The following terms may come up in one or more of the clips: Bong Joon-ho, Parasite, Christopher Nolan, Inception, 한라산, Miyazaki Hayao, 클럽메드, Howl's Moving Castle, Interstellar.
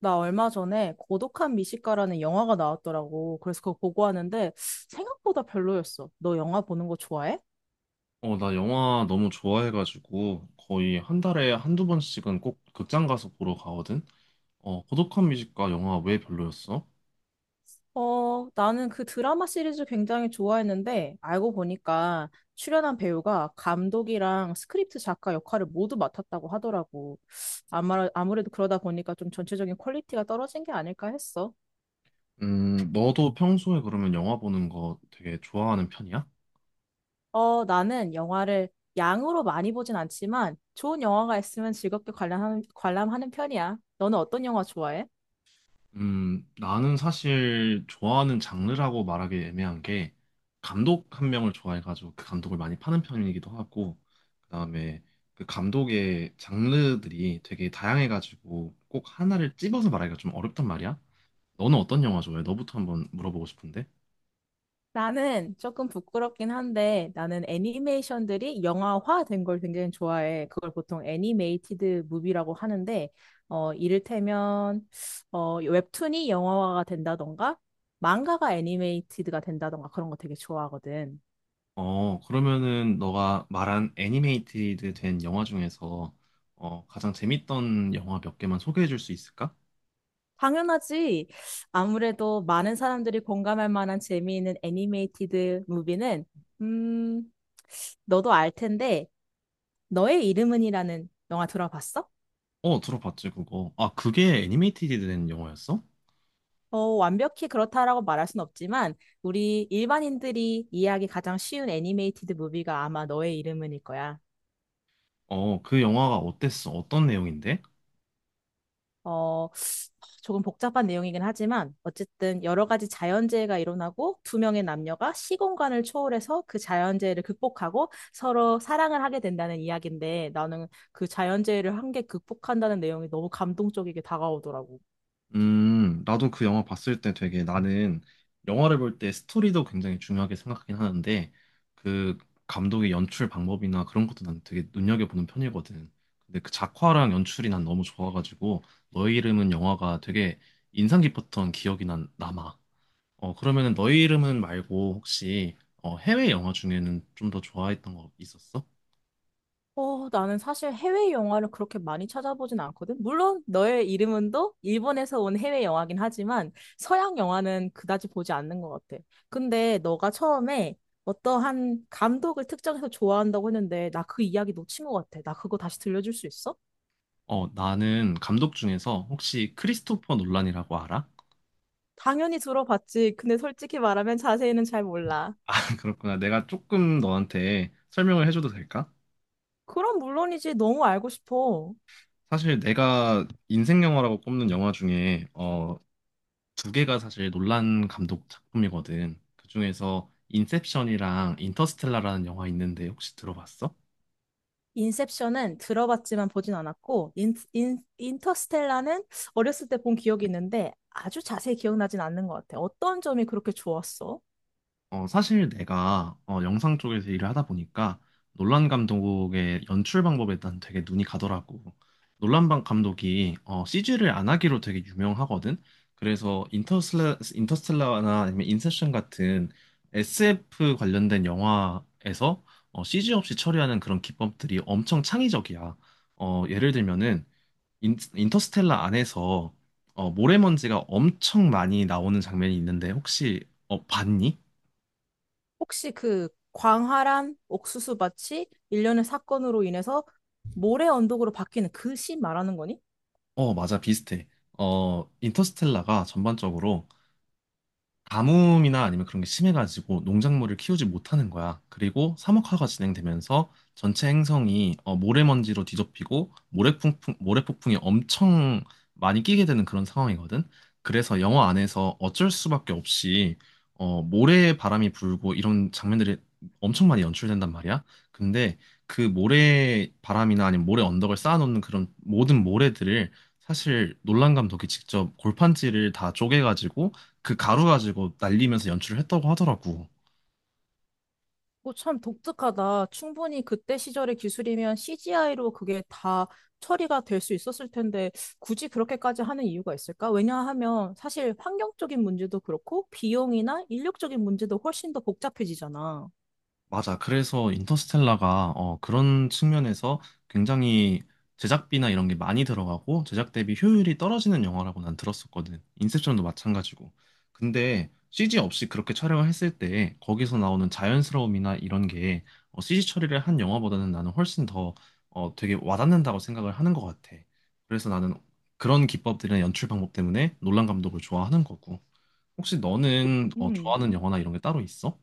나 얼마 전에 고독한 미식가라는 영화가 나왔더라고. 그래서 그거 보고 하는데 생각보다 별로였어. 너 영화 보는 거 좋아해? 나 영화 너무 좋아해가지고 거의 한 달에 한두 번씩은 꼭 극장 가서 보러 가거든. 고독한 뮤직과 영화 왜 별로였어? 어, 나는 그 드라마 시리즈 굉장히 좋아했는데 알고 보니까 출연한 배우가 감독이랑 스크립트 작가 역할을 모두 맡았다고 하더라고. 아마, 아무래도 그러다 보니까 좀 전체적인 퀄리티가 떨어진 게 아닐까 했어. 너도 평소에 그러면 영화 보는 거 되게 좋아하는 편이야? 어, 나는 영화를 양으로 많이 보진 않지만 좋은 영화가 있으면 즐겁게 관람하는 편이야. 너는 어떤 영화 좋아해? 나는 사실 좋아하는 장르라고 말하기 애매한 게 감독 한 명을 좋아해가지고 그 감독을 많이 파는 편이기도 하고, 그다음에 그 감독의 장르들이 되게 다양해가지고 꼭 하나를 찝어서 말하기가 좀 어렵단 말이야. 너는 어떤 영화 좋아해? 너부터 한번 물어보고 싶은데. 나는 조금 부끄럽긴 한데 나는 애니메이션들이 영화화 된 걸 굉장히 좋아해. 그걸 보통 애니메이티드 무비라고 하는데 이를테면 웹툰이 영화화가 된다던가 망가가 애니메이티드가 된다던가 그런 거 되게 좋아하거든. 그러면은 너가 말한 애니메이티드 된 영화 중에서 가장 재밌던 영화 몇 개만 소개해 줄 수 있을까? 당연하지. 아무래도 많은 사람들이 공감할 만한 재미있는 애니메이티드 무비는 음 너도 알 텐데 너의 이름은이라는 영화 들어봤어? 어, 들어봤지, 그거. 아, 그게 애니메이티드 된 영화였어? 어, 완벽히 그렇다라고 말할 순 없지만 우리 일반인들이 이해하기 가장 쉬운 애니메이티드 무비가 아마 너의 이름은일 거야. 그 영화가 어땠어? 어떤 내용인데? 어, 조금 복잡한 내용이긴 하지만 어쨌든 여러 가지 자연재해가 일어나고 두 명의 남녀가 시공간을 초월해서 그 자연재해를 극복하고 서로 사랑을 하게 된다는 이야기인데 나는 그 자연재해를 한 개 극복한다는 내용이 너무 감동적이게 다가오더라고. 나도 그 영화 봤을 때 되게, 나는 영화를 볼 때 스토리도 굉장히 중요하게 생각하긴 하는데, 그 감독의 연출 방법이나 그런 것도 난 되게 눈여겨보는 편이거든. 근데 그 작화랑 연출이 난 너무 좋아가지고 너의 이름은 영화가 되게 인상 깊었던 기억이 난 남아. 그러면은 너의 이름은 말고 혹시 해외 영화 중에는 좀 더 좋아했던 거 있었어? 어, 나는 사실 해외 영화를 그렇게 많이 찾아보진 않거든. 물론 너의 이름은도 일본에서 온 해외 영화긴 하지만 서양 영화는 그다지 보지 않는 것 같아. 근데 너가 처음에 어떠한 감독을 특정해서 좋아한다고 했는데 나 그 이야기 놓친 것 같아. 나 그거 다시 들려줄 수 있어? 나는 감독 중에서 혹시 크리스토퍼 놀란이라고 알아? 당연히 들어봤지. 근데 솔직히 말하면 자세히는 잘 몰라. 그렇구나. 내가 조금 너한테 설명을 해줘도 될까? 그럼 물론이지. 너무 알고 싶어. 사실 내가 인생 영화라고 꼽는 영화 중에 두 개가 사실 논란 감독 작품이거든. 그중에서 인셉션이랑 인터스텔라라는 영화 있는데 혹시 들어봤어? 인셉션은 들어봤지만 보진 않았고, 인터스텔라는 어렸을 때 본 기억이 있는데 아주 자세히 기억나진 않는 것 같아. 어떤 점이 그렇게 좋았어? 사실 내가 영상 쪽에서 일을 하다 보니까 놀란 감독의 연출 방법에 난 되게 눈이 가더라고. 놀란 방 감독이 CG를 안 하기로 되게 유명하거든. 그래서 인터스텔라나 아니면 인셉션 같은 SF 관련된 영화에서 CG 없이 처리하는 그런 기법들이 엄청 창의적이야. 예를 들면은 인터스텔라 안에서 모래먼지가 엄청 많이 나오는 장면이 있는데 혹시 봤니? 혹시 그 광활한 옥수수밭이 일련의 사건으로 인해서 모래 언덕으로 바뀌는 그 씬 말하는 거니? 어, 맞아, 비슷해. 인터스텔라가 전반적으로 가뭄이나 아니면 그런 게 심해가지고 농작물을 키우지 못하는 거야. 그리고 사막화가 진행되면서 전체 행성이 모래먼지로 뒤덮이고, 모래폭풍이 엄청 많이 끼게 되는 그런 상황이거든. 그래서 영화 안에서 어쩔 수밖에 없이 모래 바람이 불고 이런 장면들이 엄청 많이 연출된단 말이야. 근데 그 모래 바람이나 아니면 모래 언덕을 쌓아놓는 그런 모든 모래들을 사실 놀란 감독이 직접 골판지를 다 쪼개가지고 그 가루 가지고 날리면서 연출을 했다고 하더라고. 오, 참 독특하다. 충분히 그때 시절의 기술이면 CGI로 그게 다 처리가 될 수 있었을 텐데 굳이 그렇게까지 하는 이유가 있을까? 왜냐하면 사실 환경적인 문제도 그렇고 비용이나 인력적인 문제도 훨씬 더 복잡해지잖아. 맞아. 그래서 인터스텔라가 그런 측면에서 굉장히 제작비나 이런 게 많이 들어가고 제작 대비 효율이 떨어지는 영화라고 난 들었었거든. 인셉션도 마찬가지고. 근데 CG 없이 그렇게 촬영을 했을 때 거기서 나오는 자연스러움이나 이런 게 CG 처리를 한 영화보다는 나는 훨씬 더 되게 와닿는다고 생각을 하는 것 같아. 그래서 나는 그런 기법들이나 연출 방법 때문에 놀란 감독을 좋아하는 거고. 혹시 너는 음. 좋아하는 영화나 이런 게 따로 있어?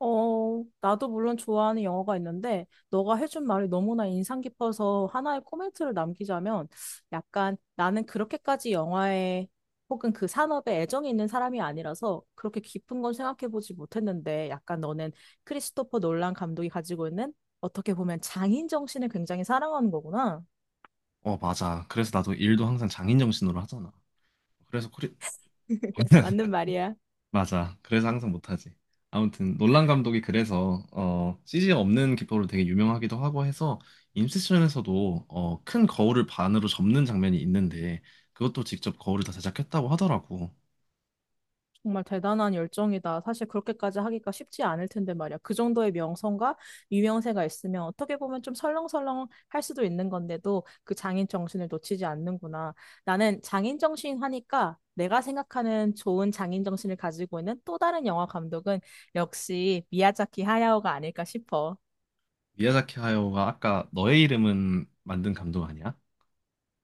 어, 나도 물론 좋아하는 영화가 있는데, 너가 해준 말이 너무나 인상 깊어서 하나의 코멘트를 남기자면, 약간 나는 그렇게까지 영화에 혹은 그 산업에 애정이 있는 사람이 아니라서 그렇게 깊은 건 생각해보지 못했는데, 약간 너는 크리스토퍼 놀란 감독이 가지고 있는 어떻게 보면 장인 정신을 굉장히 사랑하는 거구나. 어, 맞아. 그래서 나도 일도 항상 장인 정신으로 하잖아. 그래서 코리 맞는 말이야. 맞아. 그래서 항상 못하지. 아무튼 놀란 감독이 그래서 CG 없는 기법으로 되게 유명하기도 하고 해서 인셉션에서도 큰 거울을 반으로 접는 장면이 있는데 그것도 직접 거울을 다 제작했다고 하더라고. 정말 대단한 열정이다. 사실 그렇게까지 하기가 쉽지 않을 텐데 말이야. 그 정도의 명성과 유명세가 있으면 어떻게 보면 좀 설렁설렁 할 수도 있는 건데도 그 장인 정신을 놓치지 않는구나. 나는 장인 정신 하니까 내가 생각하는 좋은 장인 정신을 가지고 있는 또 다른 영화 감독은 역시 미야자키 하야오가 아닐까 싶어. 미야자키 하야오가 아까 너의 이름은 만든 감독 아니야?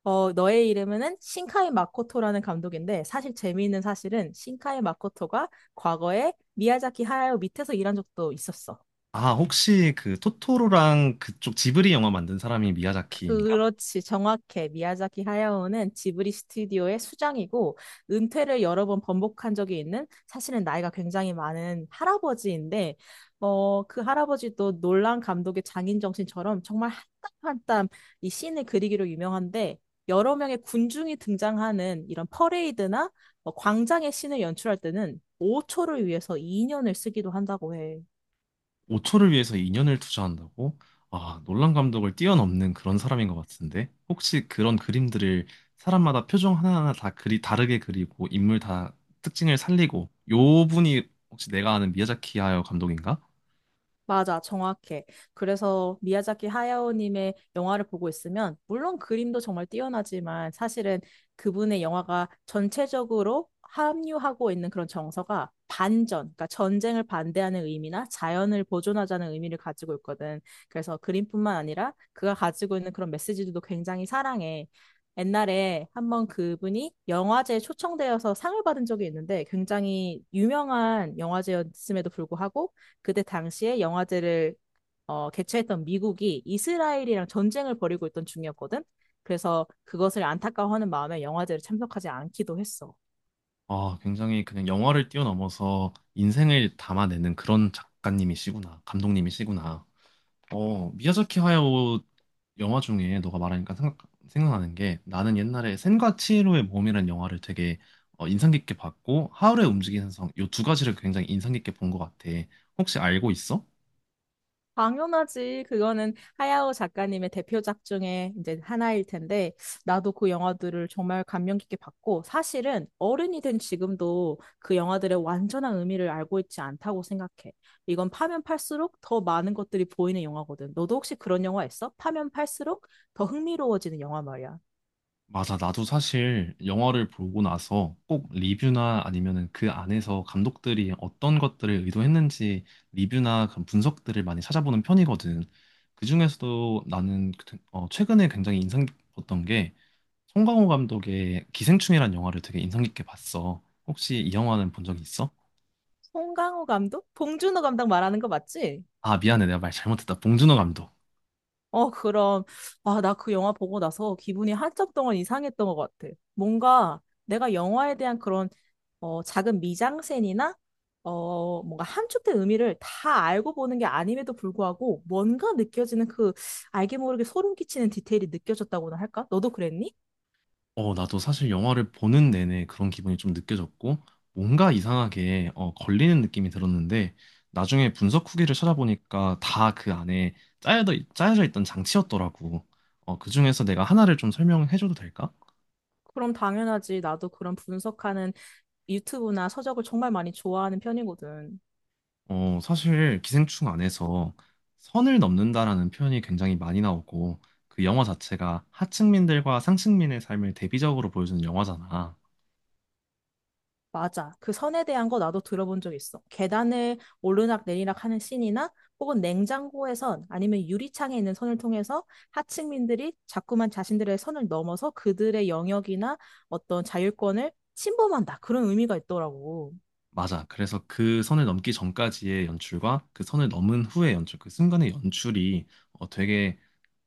어, 너의 이름은 신카이 마코토라는 감독인데 사실 재미있는 사실은 신카이 마코토가 과거에 미야자키 하야오 밑에서 일한 적도 있었어. 아, 혹시 그 토토로랑 그쪽 지브리 영화 만든 사람이 미야자키인가? 그렇지, 정확해. 미야자키 하야오는 지브리 스튜디오의 수장이고 은퇴를 여러 번 번복한 적이 있는 사실은 나이가 굉장히 많은 할아버지인데 어, 그 할아버지도 놀란 감독의 장인 정신처럼 정말 한땀 한땀 이 씬을 그리기로 유명한데 여러 명의 군중이 등장하는 이런 퍼레이드나 광장의 씬을 연출할 때는 5초를 위해서 2년을 쓰기도 한다고 해. 5초를 위해서 2년을 투자한다고? 아, 놀란 감독을 뛰어넘는 그런 사람인 것 같은데. 혹시 그런 그림들을 사람마다 표정 하나하나 다 그리 다르게 그리고, 인물 다 특징을 살리고, 요 분이 혹시 내가 아는 미야자키 하야 감독인가? 맞아, 정확해. 그래서 미야자키 하야오님의 영화를 보고 있으면, 물론 그림도 정말 뛰어나지만, 사실은 그분의 영화가 전체적으로 함유하고 있는 그런 정서가 반전, 그러니까 전쟁을 반대하는 의미나 자연을 보존하자는 의미를 가지고 있거든. 그래서 그림뿐만 아니라 그가 가지고 있는 그런 메시지들도 굉장히 사랑해. 옛날에 한번 그분이 영화제에 초청되어서 상을 받은 적이 있는데 굉장히 유명한 영화제였음에도 불구하고 그때 당시에 영화제를 개최했던 미국이 이스라엘이랑 전쟁을 벌이고 있던 중이었거든. 그래서 그것을 안타까워하는 마음에 영화제를 참석하지 않기도 했어. 아, 굉장히 그냥 영화를 뛰어넘어서 인생을 담아내는 그런 작가님이시구나. 감독님이시구나. 미야자키 하야오 영화 중에 너가 말하니까 생각나는 게, 나는 옛날에 센과 치히로의 몸이라는 영화를 되게 인상 깊게 봤고, 하울의 움직이는 성, 요 두 가지를 굉장히 인상 깊게 본 것 같아. 혹시 알고 있어? 당연하지. 그거는 하야오 작가님의 대표작 중에 이제 하나일 텐데, 나도 그 영화들을 정말 감명 깊게 봤고, 사실은 어른이 된 지금도 그 영화들의 완전한 의미를 알고 있지 않다고 생각해. 이건 파면 팔수록 더 많은 것들이 보이는 영화거든. 너도 혹시 그런 영화 있어? 파면 팔수록 더 흥미로워지는 영화 말이야. 맞아. 나도 사실 영화를 보고 나서 꼭 리뷰나 아니면은 그 안에서 감독들이 어떤 것들을 의도했는지, 리뷰나 그런 분석들을 많이 찾아보는 편이거든. 그중에서도 나는 최근에 굉장히 인상 깊었던 게, 송강호 감독의 기생충이란 영화를 되게 인상 깊게 봤어. 혹시 이 영화는 본 적 있어? 송강호 감독? 봉준호 감독 말하는 거 맞지? 아, 미안해. 내가 말 잘못했다. 봉준호 감독. 어, 그럼, 아, 나 그 영화 보고 나서 기분이 한참 동안 이상했던 것 같아. 뭔가 내가 영화에 대한 그런, 작은 미장센이나, 뭔가 함축된 의미를 다 알고 보는 게 아님에도 불구하고 뭔가 느껴지는 그 알게 모르게 소름 끼치는 디테일이 느껴졌다고나 할까? 너도 그랬니? 나도 사실 영화를 보는 내내 그런 기분이 좀 느껴졌고, 뭔가 이상하게 걸리는 느낌이 들었는데, 나중에 분석 후기를 찾아보니까 다 그 안에 짜여져 있던 장치였더라고. 그 중에서 내가 하나를 좀 설명해줘도 될까? 그럼 당연하지. 나도 그런 분석하는 유튜브나 서적을 정말 많이 좋아하는 편이거든. 사실 기생충 안에서 선을 넘는다라는 표현이 굉장히 많이 나오고, 그 영화 자체가 하층민들과 상층민의 삶을 대비적으로 보여주는 영화잖아. 맞아. 그 선에 대한 거 나도 들어본 적 있어. 계단을 오르락 내리락 하는 씬이나 혹은 냉장고에선 아니면 유리창에 있는 선을 통해서 하층민들이 자꾸만 자신들의 선을 넘어서 그들의 영역이나 어떤 자율권을 침범한다. 그런 의미가 있더라고. 맞아. 그래서 그 선을 넘기 전까지의 연출과 그 선을 넘은 후의 연출, 그 순간의 연출이 되게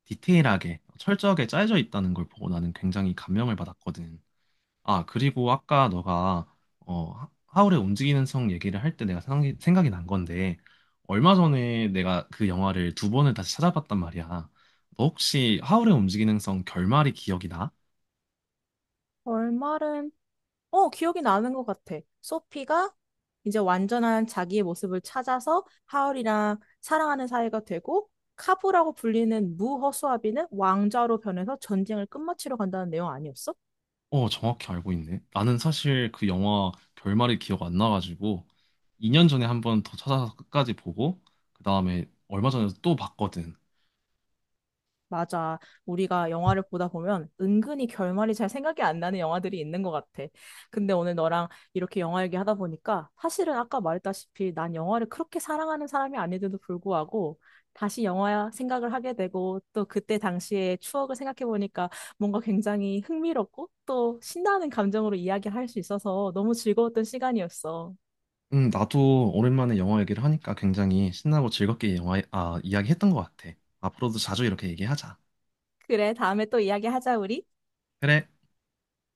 디테일하게 철저하게 짜여져 있다는 걸 보고 나는 굉장히 감명을 받았거든. 아, 그리고 아까 너가 어, 울의 움직이는 성 얘기를 할 때 내가 생각이 난 건데, 얼마 전에 내가 그 영화를 두 번을 다시 찾아봤단 말이야. 너 혹시 하울의 움직이는 성 결말이 기억이 나? 얼말은 기억이 나는 것 같아. 소피가 이제 완전한 자기의 모습을 찾아서 하울이랑 사랑하는 사이가 되고, 카부라고 불리는 무허수아비는 왕자로 변해서 전쟁을 끝마치러 간다는 내용 아니었어? 어, 정확히 알고 있네. 나는 사실 그 영화 결말이 기억 안 나가지고 2년 전에 한번 더 찾아서 끝까지 보고 그다음에 얼마 전에 또 봤거든. 맞아. 우리가 영화를 보다 보면 은근히 결말이 잘 생각이 안 나는 영화들이 있는 것 같아. 근데 오늘 너랑 이렇게 영화 얘기하다 보니까 사실은 아까 말했다시피 난 영화를 그렇게 사랑하는 사람이 아닌데도 불구하고 다시 영화 생각을 하게 되고 또 그때 당시의 추억을 생각해 보니까 뭔가 굉장히 흥미롭고 또 신나는 감정으로 이야기할 수 있어서 너무 즐거웠던 시간이었어. 나도 오랜만에 영화 얘기를 하니까 굉장히 신나고 즐겁게 영화, 아, 이야기했던 것 같아. 앞으로도 자주 이렇게 얘기하자. 그래, 다음에 또 이야기하자, 우리. 그래.